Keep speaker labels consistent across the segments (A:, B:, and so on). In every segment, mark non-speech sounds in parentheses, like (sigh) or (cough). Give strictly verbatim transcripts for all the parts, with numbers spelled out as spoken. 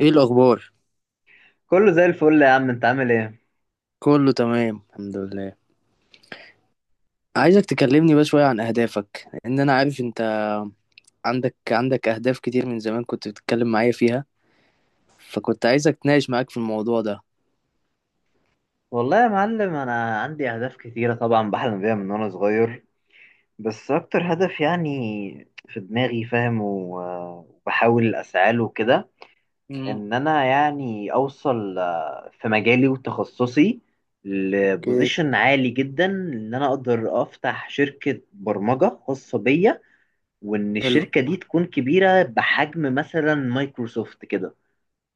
A: ايه الاخبار؟
B: كله زي الفل يا عم، انت عامل ايه؟
A: كله تمام، الحمد لله. عايزك تكلمني بقى شويه عن اهدافك، لان انا عارف انت عندك عندك اهداف كتير، من زمان كنت بتتكلم معايا فيها، فكنت عايزك اتناقش معاك في الموضوع ده.
B: والله يا معلم، انا عندي اهداف كتيره طبعا، بحلم بيها من وانا صغير. بس اكتر هدف يعني في دماغي، فاهم؟ و- وبحاول اسعى له كده.
A: امم.
B: ان انا يعني اوصل آه، في مجالي وتخصصي
A: اوكي.
B: لبوزيشن عالي جدا، ان انا اقدر افتح شركه برمجه خاصه بيا، وان
A: حلو.
B: الشركه دي تكون كبيره بحجم مثلا مايكروسوفت كده.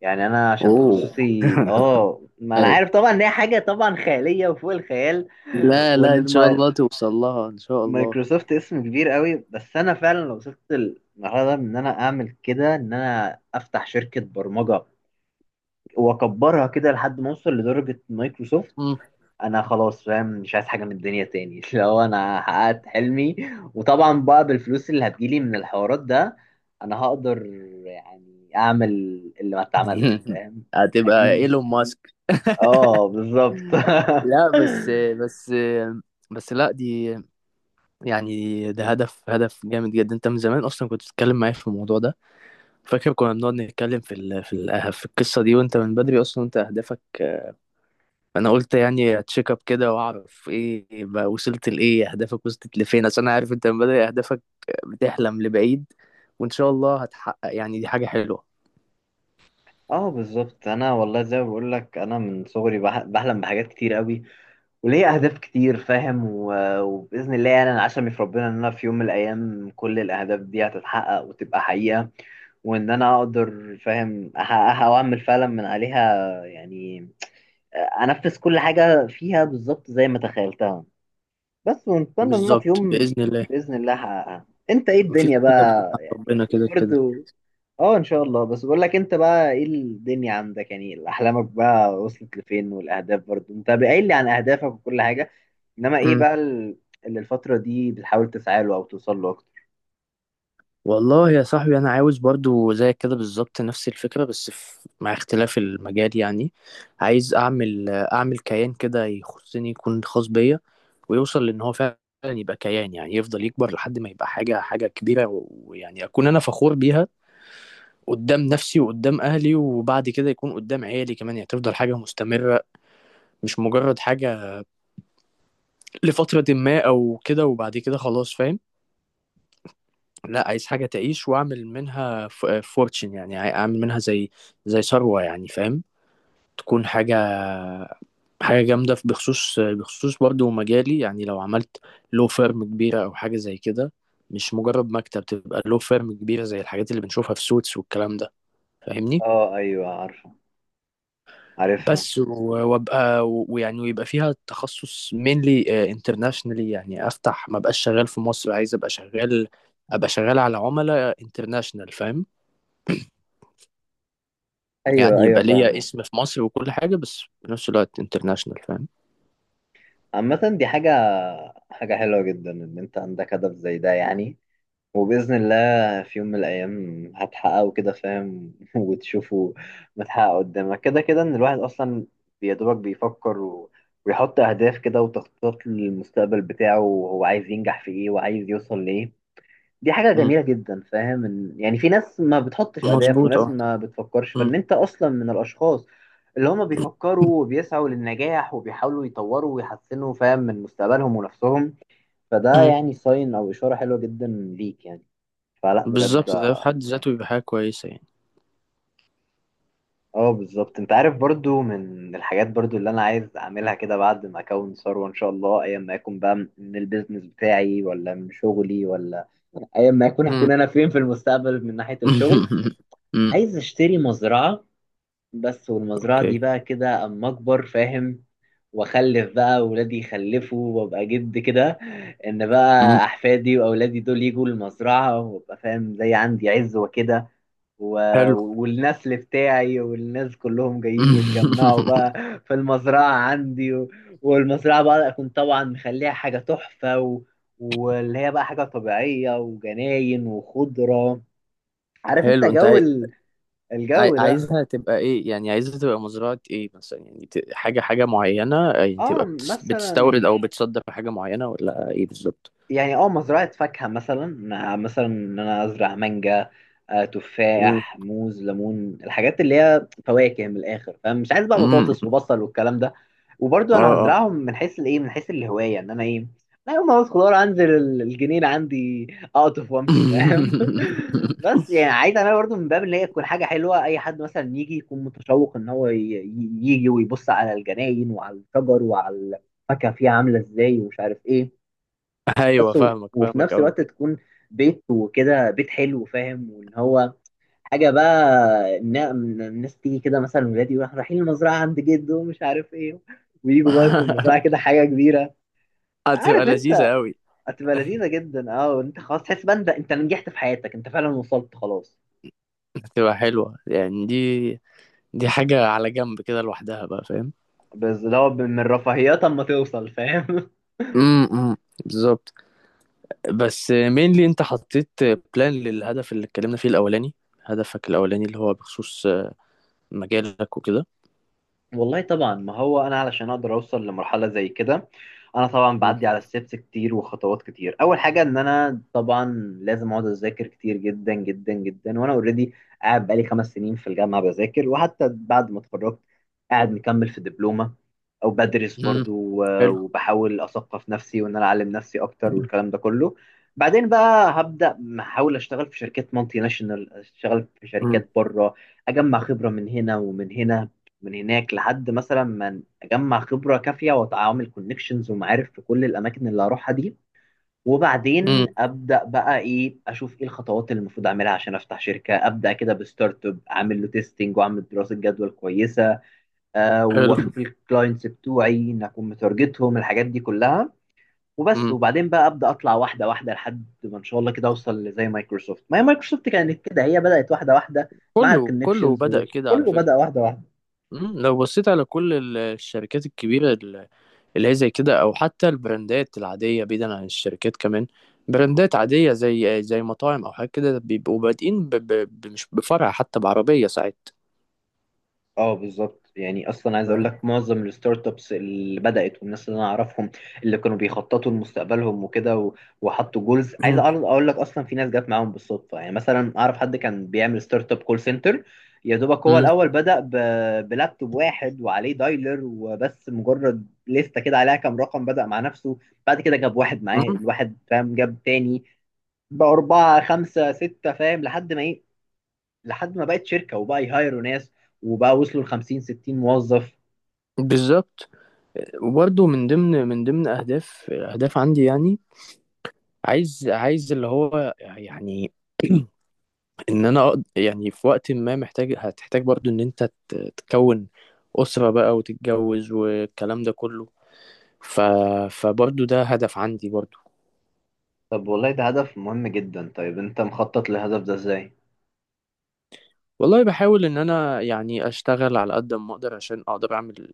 B: يعني انا عشان
A: اوه.
B: تخصصي
A: (laughs)
B: اه ما انا
A: ايوه.
B: عارف طبعا ان هي حاجه طبعا خياليه وفوق الخيال.
A: لا، لا،
B: وان
A: ان شاء
B: الما-
A: الله توصل لها ان شاء الله.
B: مايكروسوفت اسم كبير قوي، بس انا فعلا لو وصلت المرحله ده، ان انا اعمل كده، ان انا افتح شركه برمجه واكبرها كده لحد ما اوصل لدرجه مايكروسوفت،
A: امم.
B: انا خلاص فاهم، مش عايز حاجه من الدنيا تاني (laughs) لو انا حققت حلمي. وطبعا بقى بالفلوس اللي هتجيلي من الحوارات ده، انا هقدر يعني اعمل اللي ما اتعملش،
A: (laughs)
B: فاهم؟
A: هتبقى
B: اجيب.
A: ايلون ماسك. (laughs)
B: اه بالظبط (laughs)
A: لا، بس بس، بس لا، دي يعني ده هدف هدف جامد جدا. انت من زمان اصلا كنت بتتكلم معايا في الموضوع ده. فاكر كنا بنقعد نتكلم في ال في ال آه، في القصة دي، وانت من بدري اصلا، انت اهدافك، آه، انا قلت يعني اتشيك اب كده، واعرف ايه بقى، وصلت لايه، اهدافك وصلت لفين، عشان انا عارف انت من بدري اهدافك بتحلم لبعيد، وان شاء الله هتحقق، يعني دي حاجة حلوة.
B: اه بالظبط، انا والله زي ما بقول لك، انا من صغري بح- بحلم بحاجات كتير قوي، وليا اهداف كتير فاهم، و- وباذن الله يعني انا عشمي في ربنا ان انا في يوم من الايام كل الاهداف دي هتتحقق وتبقى حقيقه، وان انا اقدر فاهم احققها واعمل فعلا من عليها، يعني انفذ كل حاجه فيها بالظبط زي ما تخيلتها. بس ونتمنى ان انا في
A: بالظبط
B: يوم
A: بإذن الله.
B: باذن الله هحققها. انت ايه
A: مفيش
B: الدنيا
A: حاجة بعيدة
B: بقى
A: عن
B: يعني
A: ربنا،
B: ايه
A: كده كده.
B: برضه؟ اه ان شاء الله. بس بقول لك انت بقى، ايه الدنيا عندك؟ يعني احلامك بقى وصلت لفين؟ والاهداف برضو انت قايل لي عن اهدافك وكل حاجه، انما ايه
A: مم.
B: بقى ال- اللي الفتره دي بتحاول تسعى له او توصل له اكتر؟
A: والله يا صاحبي، انا عاوز برضو زي كده بالظبط، نفس الفكره بس في مع اختلاف المجال يعني. عايز اعمل اعمل كيان كده يخصني، يكون خاص بيا، ويوصل لان هو فعلا يبقى كيان، يعني يفضل يكبر لحد ما يبقى حاجه حاجه كبيره، و- ويعني اكون انا فخور بيها قدام نفسي وقدام اهلي، وبعد كده يكون قدام عيالي كمان، يعني تفضل حاجه مستمره، مش مجرد حاجه لفتره ما او كده، وبعد كده خلاص فاهم. لا، عايز حاجة تعيش واعمل منها فورتشن، يعني عاي- اعمل منها زي زي ثروة يعني فاهم، تكون حاجة حاجة جامدة في- بخصوص بخصوص برضو مجالي، يعني لو عملت لو فيرم كبيرة او حاجة زي كده، مش مجرد مكتب، تبقى لو فيرم كبيرة زي الحاجات اللي بنشوفها في سوتس والكلام ده، فاهمني؟
B: اه ايوه، عارفه. عارفها.
A: بس و- وابقى ويعني ويبقى فيها تخصص mainly انترناشونالي، يعني افتح، ما بقاش شغال في مصر، عايز ابقى شغال ابقى شغال على عملاء انترناشونال فاهم،
B: ايوه
A: يعني
B: ايوه،
A: يبقى ليا
B: فاهمه.
A: اسم في مصر وكل حاجة، بس في نفس الوقت انترناشونال فاهم.
B: عامه دي حاجه حاجه حلوه جدا ان انت عندك هدف زي ده، يعني وبإذن الله في يوم من الأيام هتحققوا كده فاهم (laughs) وتشوفوا متحقق قدامك كده. كده إن الواحد أصلا يا دوبك بيفكر و... ويحط أهداف كده، وتخطيط للمستقبل بتاعه، وهو عايز ينجح في إيه وعايز يوصل لإيه، دي حاجة
A: مم.
B: جميلة جدا فاهم. إن- يعني في ناس ما بتحطش أهداف،
A: مظبوط،
B: وناس
A: اه.
B: ما بتفكرش،
A: مم.
B: فإن أنت أصلا من الأشخاص اللي هما بيفكروا وبيسعوا للنجاح، وبيحاولوا يطوروا ويحسنوا فاهم من مستقبلهم ونفسهم، فده
A: مم.
B: يعني ساين أو إشارة حلوة جدا ليك يعني فلا بجد.
A: بالظبط، ده في حد ذاته يبقى حاجة كويسة يعني.
B: اه بالظبط. انت عارف برضو من الحاجات برضو اللي انا عايز اعملها كده بعد ما اكون ثروة ان شاء الله، ايا ما يكون بقى من البيزنس بتاعي ولا من شغلي، ولا ايا ما يكون
A: مم.
B: هكون انا فين في المستقبل من ناحية الشغل،
A: (laughs) مم.
B: عايز اشتري مزرعة. بس والمزرعة
A: اوكي.
B: دي بقى كده اما اكبر فاهم، واخلف بقى ولادي يخلفوا، وابقى جد كده، ان بقى
A: مم.
B: احفادي واولادي دول يجوا المزرعة، وابقى فاهم زي عندي عزوة كده، و...
A: حلو.
B: والنسل بتاعي والناس كلهم جايين يتجمعوا
A: (laughs)
B: بقى في المزرعة عندي. و... والمزرعة بقى أكون طبعا مخليها حاجة تحفة، و... واللي هي بقى حاجة طبيعية، وجناين وخضرة، عارف انت
A: حلو، انت
B: جو
A: عاي...
B: ال...
A: عاي...
B: الجو ده.
A: عايزها تبقى ايه، يعني عايزها تبقى مزرعة ايه مثلا، يعني ت... حاجة حاجة معينة، يعني
B: اه
A: تبقى بتس...
B: مثلا،
A: بتستورد او بتصدر حاجة معينة، ولا ايه بالظبط؟
B: يعني اه مزرعة فاكهة مثلا، آه، مثلا ان انا ازرع مانجا، آه،
A: مم.
B: تفاح، موز، ليمون، الحاجات اللي هي فواكه، من الاخر فمش عايز بقى
A: مم.
B: بطاطس وبصل والكلام ده. وبرضو
A: اه.
B: انا
A: اه.
B: هزرعهم من حيث الايه، من حيث الهواية، ان انا ايه، لا يوم ما عاوز خضار انزل ال- الجنينة عندي اقطف وامشي، فاهم؟ (laughs) بس
A: (laughs)
B: يعني عايز انا برضو من باب اللي هي تكون حاجة حلوة، اي حد مثلا يجي يكون متشوق ان هو ي- ي- يجي ويبص على الجناين وعلى الشجر وعلى الفاكهة فيها عاملة ازاي، ومش عارف ايه.
A: ايوه
B: بس و-
A: فاهمك
B: وفي
A: فاهمك
B: نفس
A: قوي.
B: الوقت تكون بيت، وكده بيت حلو، فاهم؟ وان هو حاجه بقى إن- إن الناس تيجي كده مثلا، ولادي يروحوا رايحين المزرعه عند جده، ومش عارف ايه، ويجوا بقى يكون المزرعه كده
A: (laughs)
B: حاجه كبيره.
A: هتبقى
B: عارف انت،
A: لذيذة أوي.
B: هتبقى لذيذه جدا. اه، وانت خلاص تحس بقى انت، انت نجحت في حياتك، انت فعلا وصلت خلاص.
A: هتبقى حلوة، يعني دي دي حاجة على جنب كده لوحدها بقى فاهم.
B: بس ده هو من رفاهيات اما توصل، فاهم؟
A: امم. بالظبط. بس مينلي انت حطيت بلان للهدف اللي اتكلمنا فيه الأولاني، هدفك الأولاني اللي هو بخصوص مجالك وكده.
B: والله طبعا، ما هو انا علشان اقدر اوصل لمرحله زي كده، انا طبعا
A: امم.
B: بعدي على ستيبس كتير وخطوات كتير. اول حاجه، ان انا طبعا لازم اقعد اذاكر كتير جدا جدا جدا، وانا اوريدي قاعد بقالي خمس سنين في الجامعه بذاكر، وحتى بعد ما اتخرجت قاعد مكمل في دبلومه او بدرس
A: أمم.
B: برضو، و-
A: حلو.
B: وبحاول اثقف نفسي وان انا اعلم نفسي اكتر، والكلام ده كله. بعدين بقى هبدا احاول اشتغل في شركات مالتي ناشونال، اشتغل في
A: امم.
B: شركات بره، اجمع خبره من هنا ومن هنا من هناك، لحد مثلا ما اجمع خبره كافيه واتعامل كونكشنز ومعارف في كل الاماكن اللي هروحها دي.
A: أمم.
B: وبعدين ابدا بقى ايه، اشوف ايه الخطوات اللي المفروض اعملها عشان افتح شركه، ابدا كده بستارت اب، اعمل له تيستنج، واعمل دراسه جدوى كويسه، أه
A: حلو.
B: واشوف الكلاينتس بتوعي ان اكون متارجتهم، الحاجات دي كلها، وبس.
A: امم.
B: وبعدين بقى ابدا اطلع واحده واحده لحد ما ان شاء الله كده اوصل لزي مايكروسوفت، ما هي مايكروسوفت كانت كده، هي بدات واحده واحده مع
A: كله كله
B: الكونكشنز،
A: بدأ كده على
B: كله بدا
A: فكرة.
B: واحده واحده.
A: امم. لو بصيت على كل ال- الشركات الكبيرة اللي هي زي كده، او حتى البراندات العاديه بعيدا عن الشركات كمان، براندات عاديه زي زي مطاعم او حاجه كده، بيبقوا بادئين ب... ب... ب- مش بفرع حتى، بعربيه ساعات.
B: اه بالظبط، يعني اصلا عايز اقول
A: فاهم؟
B: لك معظم الستارت ابس اللي بدات، والناس اللي انا اعرفهم اللي كانوا بيخططوا لمستقبلهم وكده، و- وحطوا جولز، عايز
A: مم.
B: اعرض اقول لك، اصلا في ناس جت معاهم بالصدفه. يعني مثلا اعرف حد كان بيعمل ستارت اب كول سنتر، يا دوبك هو
A: مم.
B: الاول بدا ب- بلابتوب واحد وعليه دايلر وبس، مجرد لسته كده عليها كام رقم، بدا مع نفسه. بعد كده جاب واحد معاه
A: مم.
B: الواحد، فاهم؟ جاب تاني، بأربعة خمسة ستة، فاهم؟ لحد ما إيه، لحد ما بقت شركه، وبقى يهايروا ناس، وبقى وصلوا ل خمسين ستين موظف.
A: بالظبط، وبرده من ضمن من ضمن اهداف اهداف عندي يعني، عايز عايز اللي هو يعني (clears throat) ان انا أقد- يعني في وقت ما محتاج هتحتاج برضو، ان انت ت- تكون اسره بقى وتتجوز والكلام ده كله، ف... فبرضو ده هدف عندي برضو.
B: طب والله ده هدف مهم جدا. طيب انت مخطط للهدف ده ازاي؟
A: والله بحاول ان انا يعني اشتغل على قد ما اقدر، عشان اقدر اعمل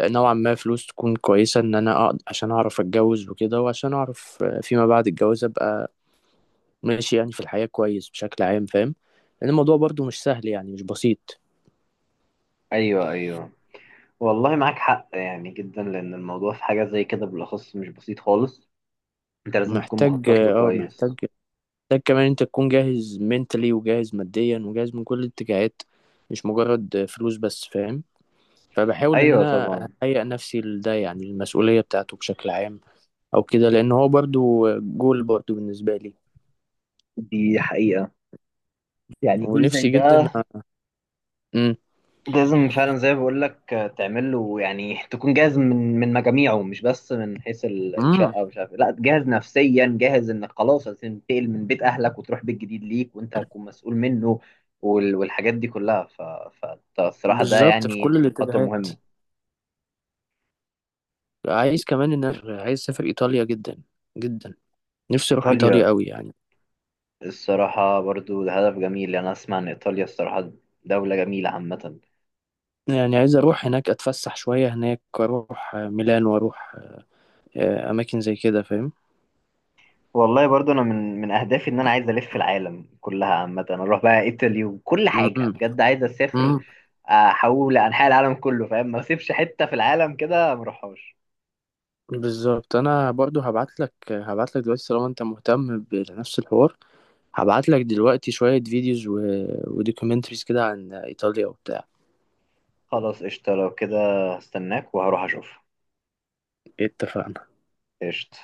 A: نوعا ما فلوس تكون كويسه، ان انا أقدر عشان اعرف اتجوز وكده، وعشان اعرف فيما بعد الجواز ابقى ماشي، يعني في الحياه كويس بشكل عام فاهم، لان الموضوع برضو مش سهل، يعني مش بسيط.
B: ايوه ايوه. والله معاك حق يعني جدا، لان الموضوع في حاجة زي كده بالاخص مش بسيط خالص، انت لازم تكون
A: محتاج
B: مخطط له
A: اه محتاج
B: كويس.
A: محتاج كمان انت تكون جاهز منتلي، وجاهز ماديا، وجاهز من كل الاتجاهات، مش مجرد فلوس بس فاهم، فبحاول ان
B: ايوه
A: انا
B: طبعا.
A: اهيئ نفسي لده، يعني المسؤوليه بتاعته بشكل عام او كده، لان هو برضو جول برضو بالنسبه لي
B: دي حقيقه، يعني جول زي
A: ونفسي جدا.
B: ده
A: امم.
B: لازم فعلا زي ما بقول لك تعمل له، يعني تكون جاهز من من مجاميعه، مش بس من حيث ال-
A: امم.
B: الشقه ومش عارف إيه. لا، جاهز نفسيا، جاهز انك خلاص هتنتقل من بيت اهلك وتروح بيت جديد ليك وانت هتكون مسؤول منه، وال- والحاجات دي كلها، ف- فالصراحه ده
A: بالظبط في
B: يعني
A: كل
B: خطوه
A: الاتجاهات.
B: مهمه.
A: عايز كمان ان أنا- عايز اسافر ايطاليا جدا جدا، نفسي اروح ايطاليا
B: ايطاليا؟
A: قوي يعني،
B: الصراحه برضو ده هدف جميل، يعني انا اسمع ان ايطاليا الصراحه دوله جميله عامه.
A: يعني عايز اروح هناك اتفسح شويه هناك، واروح ميلان، واروح آه، اماكن زي كده فاهم.
B: والله برضو انا من من اهدافي ان انا عايز الف العالم كلها عامه، انا اروح بقى ايطاليا وكل حاجه،
A: امم.
B: بجد عايز اسافر
A: امم.
B: احول لانحاء العالم كله، فاهم؟ ما اسيبش حته في العالم كده ما اروحهاش.
A: بالظبط، انا برضو هبعت لك هبعت لك دلوقتي طالما انت مهتم بنفس الحوار، هبعت لك دلوقتي شويه فيديوز و... ودوكيومنتريز كده عن ايطاليا وبتاع.
B: خلاص قشطه، لو كده هستناك وهروح اشوف.
A: اتفقنا.
B: قشطه.